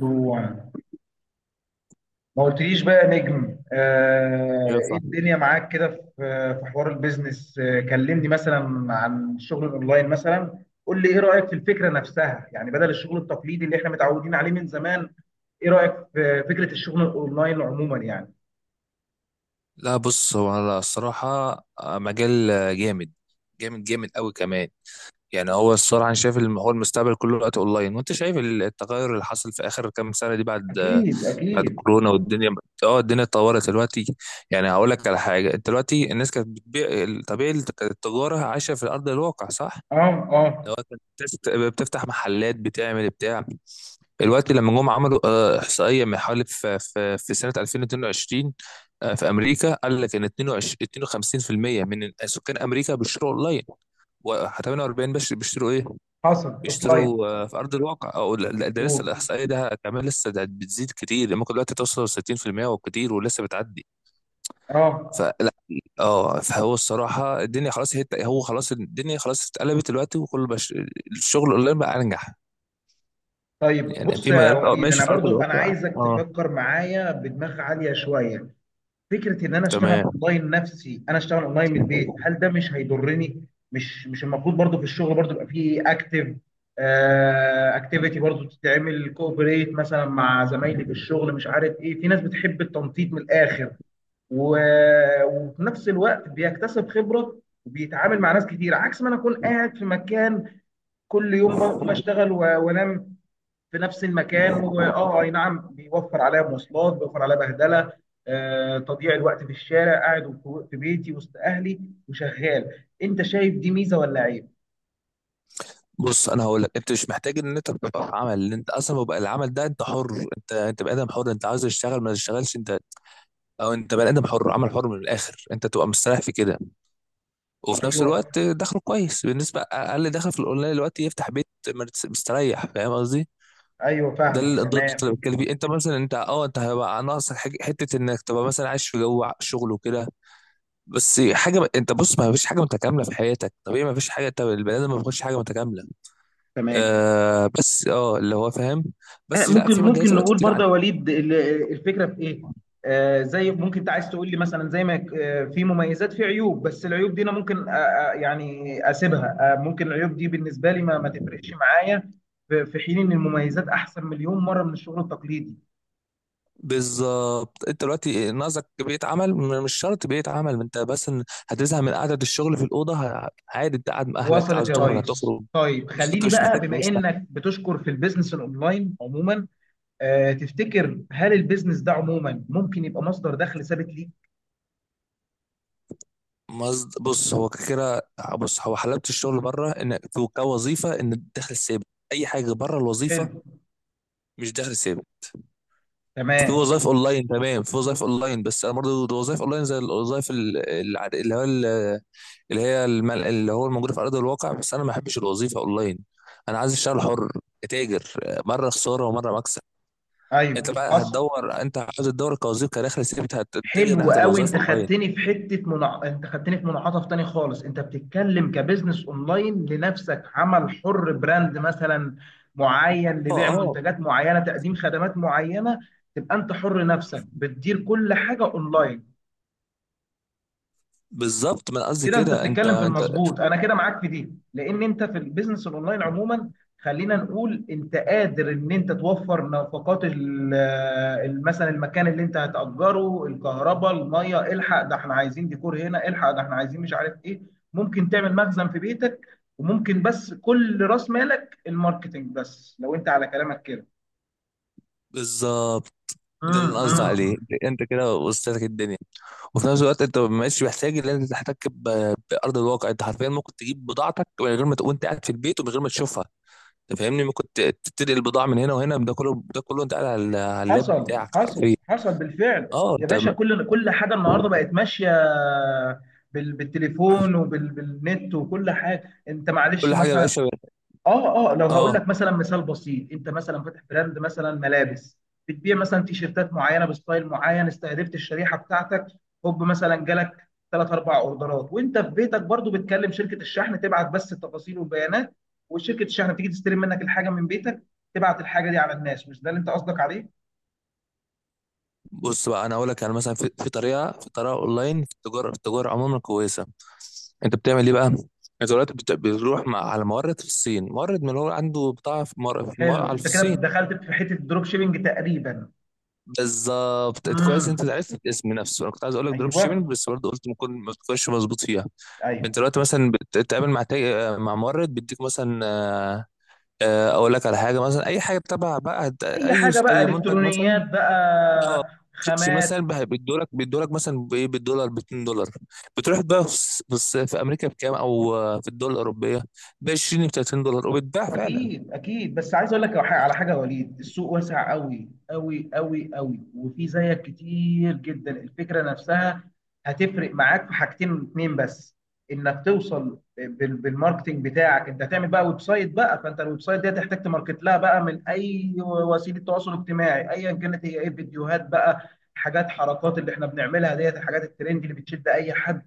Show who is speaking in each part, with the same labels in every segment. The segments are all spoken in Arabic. Speaker 1: جوه. ما قلتليش بقى يا نجم،
Speaker 2: ايه يا
Speaker 1: ايه
Speaker 2: صاحبي.
Speaker 1: الدنيا معاك كده في في حوار البيزنس؟ كلمني مثلا عن الشغل الاونلاين. مثلا قول لي ايه رأيك في الفكرة نفسها، يعني بدل الشغل التقليدي اللي احنا متعودين عليه من زمان؟ ايه رأيك في فكرة الشغل الاونلاين عموما يعني؟
Speaker 2: لا بص، هو أنا الصراحة مجال جامد جامد جامد قوي كمان. يعني هو الصراحة أنا شايف هو المستقبل كله دلوقتي أونلاين، وأنت شايف التغير اللي حصل في آخر كام سنة دي بعد
Speaker 1: اكيد،
Speaker 2: بعد
Speaker 1: اكيد.
Speaker 2: الكورونا والدنيا. اه الدنيا اتطورت دلوقتي. يعني هقول لك على حاجة، أنت دلوقتي الناس كانت بتبيع طبيعي، التجارة عايشة في الأرض الواقع صح؟
Speaker 1: اه، اه.
Speaker 2: لو أنت بتفتح محلات بتعمل بتاع، الوقت لما جم عملوا احصائيه من حوالي في في في سنه 2022 في امريكا، قال لك ان 22 52% من سكان امريكا بيشتروا اونلاين، و48 بس بيشتروا ايه؟
Speaker 1: حصل. اوفلاين.
Speaker 2: بيشتروا في ارض الواقع، او لا، ده
Speaker 1: مظبوط.
Speaker 2: لسه الاحصائيه ده كمان لسه ده بتزيد كتير. يعني ممكن دلوقتي توصل 60% وكتير ولسه بتعدي.
Speaker 1: اه.
Speaker 2: فلا، اه فهو الصراحه الدنيا خلاص، هو خلاص الدنيا خلاص اتقلبت دلوقتي وكل بش... الشغل اونلاين بقى انجح.
Speaker 1: طيب
Speaker 2: يعني
Speaker 1: بص
Speaker 2: في
Speaker 1: يا
Speaker 2: مجالات اه
Speaker 1: وليد،
Speaker 2: ماشي
Speaker 1: انا
Speaker 2: في ارض
Speaker 1: برضو انا
Speaker 2: الواقع
Speaker 1: عايزك
Speaker 2: اه.
Speaker 1: تفكر معايا بدماغ عالية شوية. فكره ان انا اشتغل
Speaker 2: تمام.
Speaker 1: اونلاين، نفسي انا اشتغل اونلاين من البيت، هل ده مش هيضرني؟ مش المفروض برضو في الشغل برضو يبقى فيه اكتيفيتي برضو تتعمل كوبريت مثلا مع زمايلي في الشغل؟ مش عارف ايه، في ناس بتحب التنطيط من الاخر و... وفي نفس الوقت بيكتسب خبره وبيتعامل مع ناس كتير، عكس ما انا اكون قاعد في مكان كل يوم بقوم اشتغل وانام في نفس المكان. واه، اي نعم، بيوفر عليا مواصلات، بيوفر عليا بهدله، تضييع الوقت في الشارع، قاعد في بيتي وسط اهلي وشغال. انت شايف دي ميزه ولا عيب؟
Speaker 2: بص انا هقول لك، انت مش محتاج ان انت تبقى في عمل، اللي انت اصلا بيبقى العمل ده انت حر. انت بني ادم حر، انت عاوز تشتغل ما تشتغلش انت. او انت بني ادم حر، عمل حر من الاخر، انت تبقى مستريح في كده، وفي نفس
Speaker 1: ايوه.
Speaker 2: الوقت دخله كويس. بالنسبه اقل دخل في الاونلاين دلوقتي يفتح بيت مستريح، فاهم قصدي؟
Speaker 1: ايوه
Speaker 2: ده
Speaker 1: فاهمك
Speaker 2: ده النقطة اللي
Speaker 1: تمام.
Speaker 2: بتكلم فيه. انت مثلا انت اه انت هيبقى ناقصك حاجة- حته انك تبقى مثلا عايش في جو شغل وكده، بس حاجه، انت بص ما فيش حاجه متكامله في حياتك طبيعي، ما فيش حاجه، انت البني ادم ما بياخدش حاجه متكامله.
Speaker 1: تمام.
Speaker 2: آه بس اه اللي هو فاهم. بس لا،
Speaker 1: ممكن
Speaker 2: في مجالات
Speaker 1: ممكن
Speaker 2: دلوقتي
Speaker 1: نقول
Speaker 2: كتير عن...
Speaker 1: برضه يا وليد الفكره في ايه؟ آه، زي ممكن انت عايز تقول لي مثلا زي ما في مميزات في عيوب، بس العيوب دي انا ممكن يعني اسيبها. آه ممكن العيوب دي بالنسبه لي ما تفرقش معايا. في في حين ان المميزات احسن مليون مره من الشغل التقليدي.
Speaker 2: بالظبط، انت دلوقتي ناقصك بيئة عمل، مش شرط بيئة عمل، ما انت بس إن هتزهق من قعدة الشغل في الأوضة، عادي انت قاعد مع أهلك
Speaker 1: وصلت
Speaker 2: عاوز
Speaker 1: يا
Speaker 2: تخرج
Speaker 1: ريس.
Speaker 2: هتخرج.
Speaker 1: طيب
Speaker 2: انت
Speaker 1: خليني
Speaker 2: مش
Speaker 1: بقى،
Speaker 2: محتاج
Speaker 1: بما
Speaker 2: مش محتاج.
Speaker 1: انك بتشكر في البيزنس الاونلاين عموما، آه تفتكر هل البيزنس ده عموما ممكن يبقى مصدر دخل ثابت ليك؟
Speaker 2: بص هو كده. بص هو حلاوة الشغل بره ان في كوظيفة ان الدخل ثابت. اي حاجة بره الوظيفة
Speaker 1: حلو.
Speaker 2: مش دخل ثابت. في
Speaker 1: تمام.
Speaker 2: وظائف اونلاين تمام، في وظائف اونلاين، بس انا برضه وظائف اونلاين زي الوظائف اللي هو اللي هي اللي هو الموجوده في ارض الواقع، بس انا ما بحبش الوظيفه اونلاين. انا عايز اشتغل حر، اتاجر، مره خساره ومره مكسب. انت
Speaker 1: ايوه
Speaker 2: بقى
Speaker 1: حصل.
Speaker 2: هتدور، انت عايز تدور كوظيفه كدخل ثابت هتتجه
Speaker 1: حلو
Speaker 2: ناحيه
Speaker 1: قوي.
Speaker 2: الوظائف
Speaker 1: انت
Speaker 2: اونلاين.
Speaker 1: خدتني في انت خدتني في منعطف تاني خالص. انت بتتكلم كبزنس اونلاين لنفسك، عمل حر، براند مثلا معين
Speaker 2: اه
Speaker 1: لبيع
Speaker 2: اه.
Speaker 1: منتجات معينه، تقديم خدمات معينه، تبقى انت حر نفسك بتدير كل حاجه اونلاين.
Speaker 2: بالظبط، ما انا قصدي
Speaker 1: كده انت
Speaker 2: كده. انت
Speaker 1: بتتكلم في
Speaker 2: انت
Speaker 1: المظبوط. انا كده معاك في دي، لان انت في البيزنس الاونلاين عموما، خلينا نقول انت قادر ان انت توفر نفقات مثلا المكان اللي انت هتأجره، الكهرباء، الميه، الحق ده احنا عايزين ديكور هنا، الحق ده احنا عايزين مش عارف ايه. ممكن تعمل مخزن في بيتك، وممكن بس كل راس مالك الماركتينج بس، لو انت على كلامك كده.
Speaker 2: بالظبط، ده اللي انا قصدي
Speaker 1: امم.
Speaker 2: عليه. انت كده وسط لك الدنيا، وفي نفس الوقت انت مش محتاج ان انت تحتك بارض الواقع. انت حرفيا ممكن تجيب بضاعتك من غير ما تكون انت قاعد في البيت ومن غير ما تشوفها، انت فاهمني؟ ممكن تنقل البضاعه من هنا وهنا، ده كله انت قاعد على على اللاب
Speaker 1: حصل،
Speaker 2: بتاعك
Speaker 1: حصل،
Speaker 2: حرفيا.
Speaker 1: حصل بالفعل
Speaker 2: اه
Speaker 1: يا
Speaker 2: انت
Speaker 1: باشا. كل حاجه النهارده بقت ماشيه بالتليفون وبالنت وكل حاجه. انت معلش،
Speaker 2: كل حاجه يا
Speaker 1: مثلا،
Speaker 2: باشا.
Speaker 1: اه اه، لو هقول
Speaker 2: اه
Speaker 1: لك مثلا مثال بسيط، انت مثلا فاتح براند مثلا ملابس، بتبيع مثلا تيشيرتات معينه بستايل معين، استهدفت الشريحه بتاعتك، هوب مثلا جالك ثلاث اربع اوردرات، وانت في بيتك برضو بتكلم شركه الشحن، تبعت بس التفاصيل والبيانات، وشركه الشحن بتيجي تستلم منك الحاجه من بيتك، تبعت الحاجه دي على الناس. مش ده اللي انت قصدك عليه؟
Speaker 2: بص بقى، انا اقول لك انا مثلا في, في طريقه، في طريقه اونلاين، في التجاره عموما كويسه. انت بتعمل ايه بقى؟ انت دلوقتي بتروح مع على مورد في الصين، مورد من اللي هو عنده بضاعه
Speaker 1: حلو،
Speaker 2: في
Speaker 1: انت كده
Speaker 2: الصين.
Speaker 1: دخلت في حته الدروب شيبنج تقريبا.
Speaker 2: بالظبط، انت كويس انت
Speaker 1: امم.
Speaker 2: عرفت الاسم نفسه، انا كنت عايز اقول لك دروب شيبنج
Speaker 1: ايوه.
Speaker 2: بس برضه قلت ممكن ما تكونش مظبوط فيها. انت
Speaker 1: ايوه.
Speaker 2: دلوقتي مثلا بتتعامل مع مع مورد بيديك مثلا اقول لك على حاجه مثلا، اي حاجه تبع بقى
Speaker 1: اي
Speaker 2: اي
Speaker 1: حاجه بقى،
Speaker 2: اي منتج مثلا.
Speaker 1: الكترونيات بقى،
Speaker 2: شيبسي
Speaker 1: خامات.
Speaker 2: مثلا بقى بيدولك مثلا بايه، بالدولار، ب 2 دولار. بتروح بقى في امريكا بكام، او في الدول الاوروبيه ب 20 ب 30 دولار وبتباع فعلا.
Speaker 1: اكيد، اكيد. بس عايز اقول لك على حاجه يا وليد، السوق واسع قوي قوي قوي قوي، وفي زيك كتير جدا. الفكره نفسها هتفرق معاك في حاجتين اتنين بس. انك توصل بالماركتينج بتاعك، انت هتعمل بقى ويب سايت بقى، فانت الويب سايت دي هتحتاج تماركت لها بقى من اي وسيله تواصل اجتماعي ايا كانت هي، ايه، فيديوهات بقى، حاجات، حركات اللي احنا بنعملها ديت، الحاجات الترند اللي بتشد اي حد.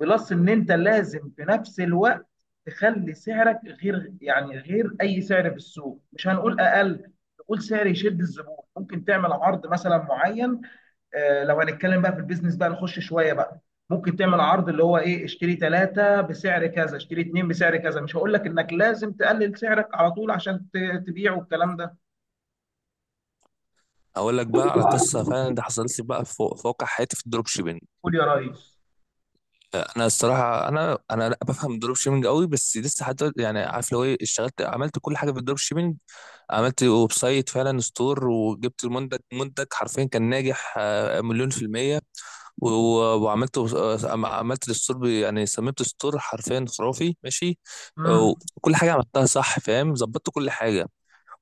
Speaker 1: بلس ان انت لازم في نفس الوقت تخلي سعرك غير، يعني غير اي سعر في السوق. مش هنقول اقل، نقول سعر يشد الزبون. ممكن تعمل عرض مثلا معين. لو هنتكلم بقى في البيزنس بقى نخش شويه بقى، ممكن تعمل عرض اللي هو ايه، اشتري ثلاثة بسعر كذا، اشتري اتنين بسعر كذا. مش هقول لك انك لازم تقلل سعرك على طول عشان تبيع والكلام ده.
Speaker 2: اقول لك بقى على قصه فعلا ده حصلت لي بقى في واقع حياتي في الدروب شيبنج.
Speaker 1: قول يا ريس.
Speaker 2: انا الصراحه انا لا بفهم الدروب شيبنج قوي، بس لسه حتى يعني عارف لو ايه اشتغلت، عملت كل حاجه في الدروب شيبنج. عملت ويب سايت فعلا، ستور، وجبت المنتج، منتج حرفيا كان ناجح مليون في المية، وعملت عملت الستور يعني صممت ستور حرفيا خرافي ماشي.
Speaker 1: امم.
Speaker 2: وكل حاجه عملتها صح فاهم، ظبطت كل حاجه،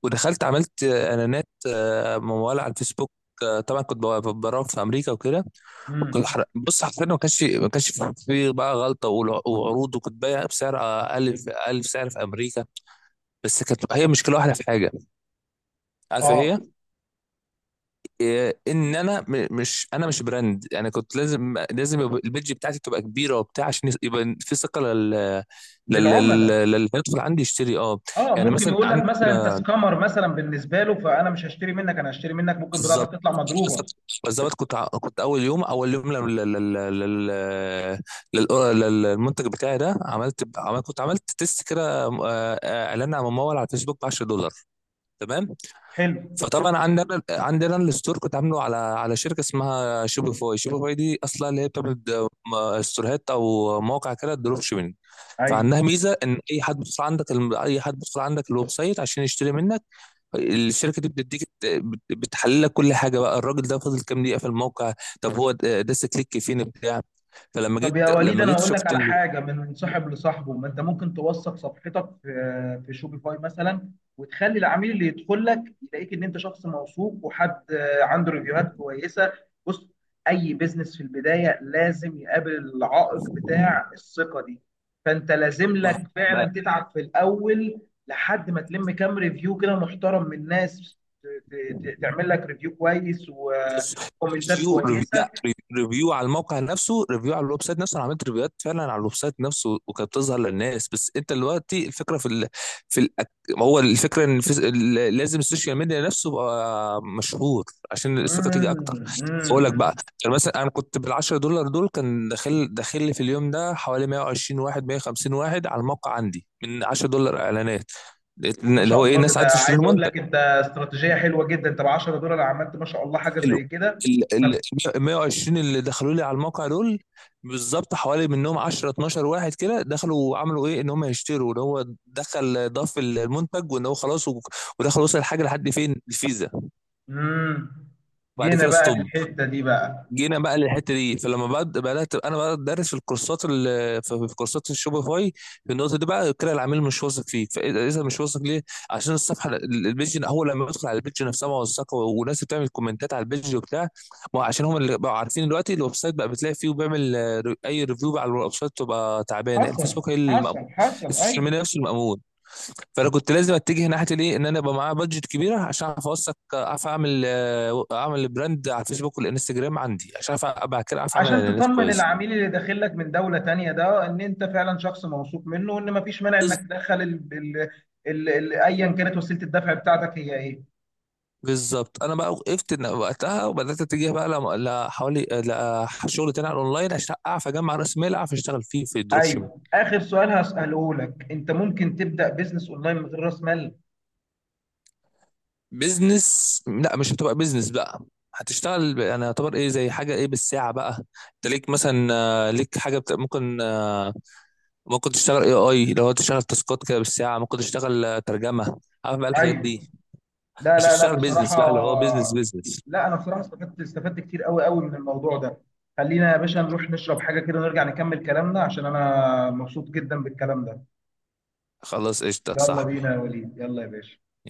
Speaker 2: ودخلت عملت اعلانات موال على الفيسبوك. طبعا كنت براوغ في امريكا وكده. وكنت
Speaker 1: امم.
Speaker 2: بص حرفيا ما كانش في بقى غلطه، وعروض، وكنت بايع بسعر اقل اقل في سعر في امريكا. بس كانت هي مشكله واحده في حاجه، عارف
Speaker 1: اه.
Speaker 2: إيه؟ ان انا مش، انا مش براند. انا كنت لازم يبقى البيدج بتاعتي تبقى كبيره وبتاع عشان يبقى في ثقه
Speaker 1: للعملاء.
Speaker 2: للي هيدخل عندي يشتري. اه
Speaker 1: اه،
Speaker 2: يعني
Speaker 1: ممكن
Speaker 2: مثلا
Speaker 1: يقول لك
Speaker 2: عندك
Speaker 1: مثلا انت
Speaker 2: آه،
Speaker 1: سكامر مثلا بالنسبه له، فانا مش هشتري منك. انا هشتري منك ممكن
Speaker 2: بالظبط،
Speaker 1: بضاعتك تطلع
Speaker 2: مثلاً
Speaker 1: مضروبه.
Speaker 2: بالظبط كنت كنت اول يوم اول يوم للمنتج بتاعي ده، عملت كنت عملت تيست كده اعلان على ممول على الفيسبوك ب 10 دولار. تمام.
Speaker 1: حلو.
Speaker 2: فطبعا عندنا الستور كنت عامله على على شركه اسمها شوبيفاي، شوبيفاي دي اصلا اللي هي بتعمل ستورات او مواقع كده دروب شيبنج.
Speaker 1: ايوه.
Speaker 2: فعندها ميزه ان اي حد بيدخل عندك اي حد بيدخل عندك الويب سايت عشان يشتري منك. الشركه دي بتديك بتحلل لك كل حاجه بقى، الراجل ده فضل كام دقيقه في الموقع، طب هو داس كليك فين بتاع. فلما
Speaker 1: طب
Speaker 2: جيت
Speaker 1: يا وليد
Speaker 2: لما
Speaker 1: انا
Speaker 2: جيت
Speaker 1: هقول لك
Speaker 2: شفت
Speaker 1: على
Speaker 2: ال...
Speaker 1: حاجه من صاحب لصاحبه. ما انت ممكن توثق صفحتك في في شوبيفاي مثلا، وتخلي العميل اللي يدخل لك يلاقيك ان انت شخص موثوق وحد، عنده ريفيوهات كويسه. بص، اي بيزنس في البدايه لازم يقابل العائق بتاع الثقه دي. فانت لازم لك فعلا
Speaker 2: ما
Speaker 1: تتعب في الاول، لحد ما تلم كام ريفيو كده محترم من ناس، تعمل لك ريفيو كويس
Speaker 2: بص،
Speaker 1: وكومنتات
Speaker 2: ريفيو ريفيو
Speaker 1: كويسه.
Speaker 2: لا ري- ريفيو على الموقع نفسه، ريفيو على الويب سايت نفسه. انا عملت ريفيوهات فعلا على الويب سايت نفسه وكانت بتظهر للناس، بس انت دلوقتي الفكره في ال... في ال... ما هو الفكره ان في... لازم السوشيال ميديا نفسه يبقى مشهور عشان الثقه
Speaker 1: مم،
Speaker 2: تيجي اكتر.
Speaker 1: مم،
Speaker 2: اقول لك بقى،
Speaker 1: مم.
Speaker 2: يعني مثلا انا كنت بال 10 دولار دول كان داخل داخل لي في اليوم ده حوالي 120 واحد 150 واحد على الموقع عندي من 10 دولار اعلانات،
Speaker 1: ما
Speaker 2: اللي
Speaker 1: شاء
Speaker 2: هو ايه،
Speaker 1: الله.
Speaker 2: الناس
Speaker 1: ده
Speaker 2: عايزه تشتري
Speaker 1: عايز اقول
Speaker 2: المنتج.
Speaker 1: لك انت استراتيجيه حلوه جدا. انت ب 10$ عملت ما شاء الله حاجه
Speaker 2: ال
Speaker 1: زي كده.
Speaker 2: ال
Speaker 1: إنك-
Speaker 2: ال 120 اللي دخلوا لي على الموقع دول، بالظبط حوالي منهم 10 12 واحد كده دخلوا وعملوا ايه، ان هم يشتروا، ان هو دخل ضاف المنتج وان هو خلاص ودخل وصل الحاجه لحد فين، الفيزا،
Speaker 1: امم.
Speaker 2: وبعد
Speaker 1: جينا
Speaker 2: كده
Speaker 1: بقى
Speaker 2: ستوب.
Speaker 1: للحته دي بقى.
Speaker 2: جينا بقى للحته دي، فلما بدات انا بقى ادرس في الكورسات في كورسات الشوبيفاي. في النقطه دي بقى كده العميل مش واثق فيك، فاذا إذا مش واثق ليه؟ عشان الصفحه البيج، اول لما يدخل على البيج نفسها موثقه وناس بتعمل كومنتات على البيج وبتاع. ما هو عشان هم اللي بقوا عارفين دلوقتي الويب سايت بقى بتلاقي فيه، وبيعمل اي ريفيو على الويب سايت تبقى تعبانه،
Speaker 1: حصل،
Speaker 2: الفيسبوك هي المأمور.
Speaker 1: حصل، حصل.
Speaker 2: السوشيال
Speaker 1: ايوه.
Speaker 2: ميديا نفسه المأمور. فانا كنت لازم اتجه ناحيه الايه، ان انا يبقى معايا بادجت كبيره عشان اعرف اوثق، اعرف اعمل اعمل براند على الفيسبوك والانستجرام عندي، عشان اعرف بعد كده اعرف اعمل
Speaker 1: عشان
Speaker 2: اعلانات
Speaker 1: تطمن
Speaker 2: كويسه.
Speaker 1: العميل اللي داخل لك من دوله تانية ده ان انت فعلا شخص موثوق منه، وان مفيش مانع
Speaker 2: بز-
Speaker 1: انك تدخل ايا كانت وسيله الدفع بتاعتك هي ايه.
Speaker 2: بالظبط. انا بقى وقفت وقتها وبدات اتجه بقى لحوالي لشغل تاني على الاونلاين، عشان اعرف اجمع راس مال اعرف اشتغل فيه في الدروب شيبنج.
Speaker 1: ايوه، اخر سؤال هساله لك، انت ممكن تبدا بيزنس اونلاين من غير راس مال؟
Speaker 2: بزنس لا، مش هتبقى بزنس بقى، هتشتغل انا يعتبر ايه زي حاجه ايه بالساعه بقى. انت ليك مثلا ليك حاجه ممكن ممكن تشتغل اي اي لو تشتغل تاسكات كده بالساعه، ممكن تشتغل ترجمه عارف بقى الحاجات
Speaker 1: ايوه.
Speaker 2: دي.
Speaker 1: لا
Speaker 2: مش
Speaker 1: لا لا،
Speaker 2: تشتغل بيزنس
Speaker 1: بصراحة،
Speaker 2: بقى اللي هو بيزنس بيزنس.
Speaker 1: لا أنا بصراحة استفدت، استفدت كتير قوي قوي من الموضوع ده. خلينا يا باشا نروح نشرب حاجة كده ونرجع نكمل كلامنا، عشان أنا مبسوط جدا بالكلام ده.
Speaker 2: خلاص قشطه يا
Speaker 1: يلا بينا يا
Speaker 2: صاحبي.
Speaker 1: وليد، يلا يا باشا.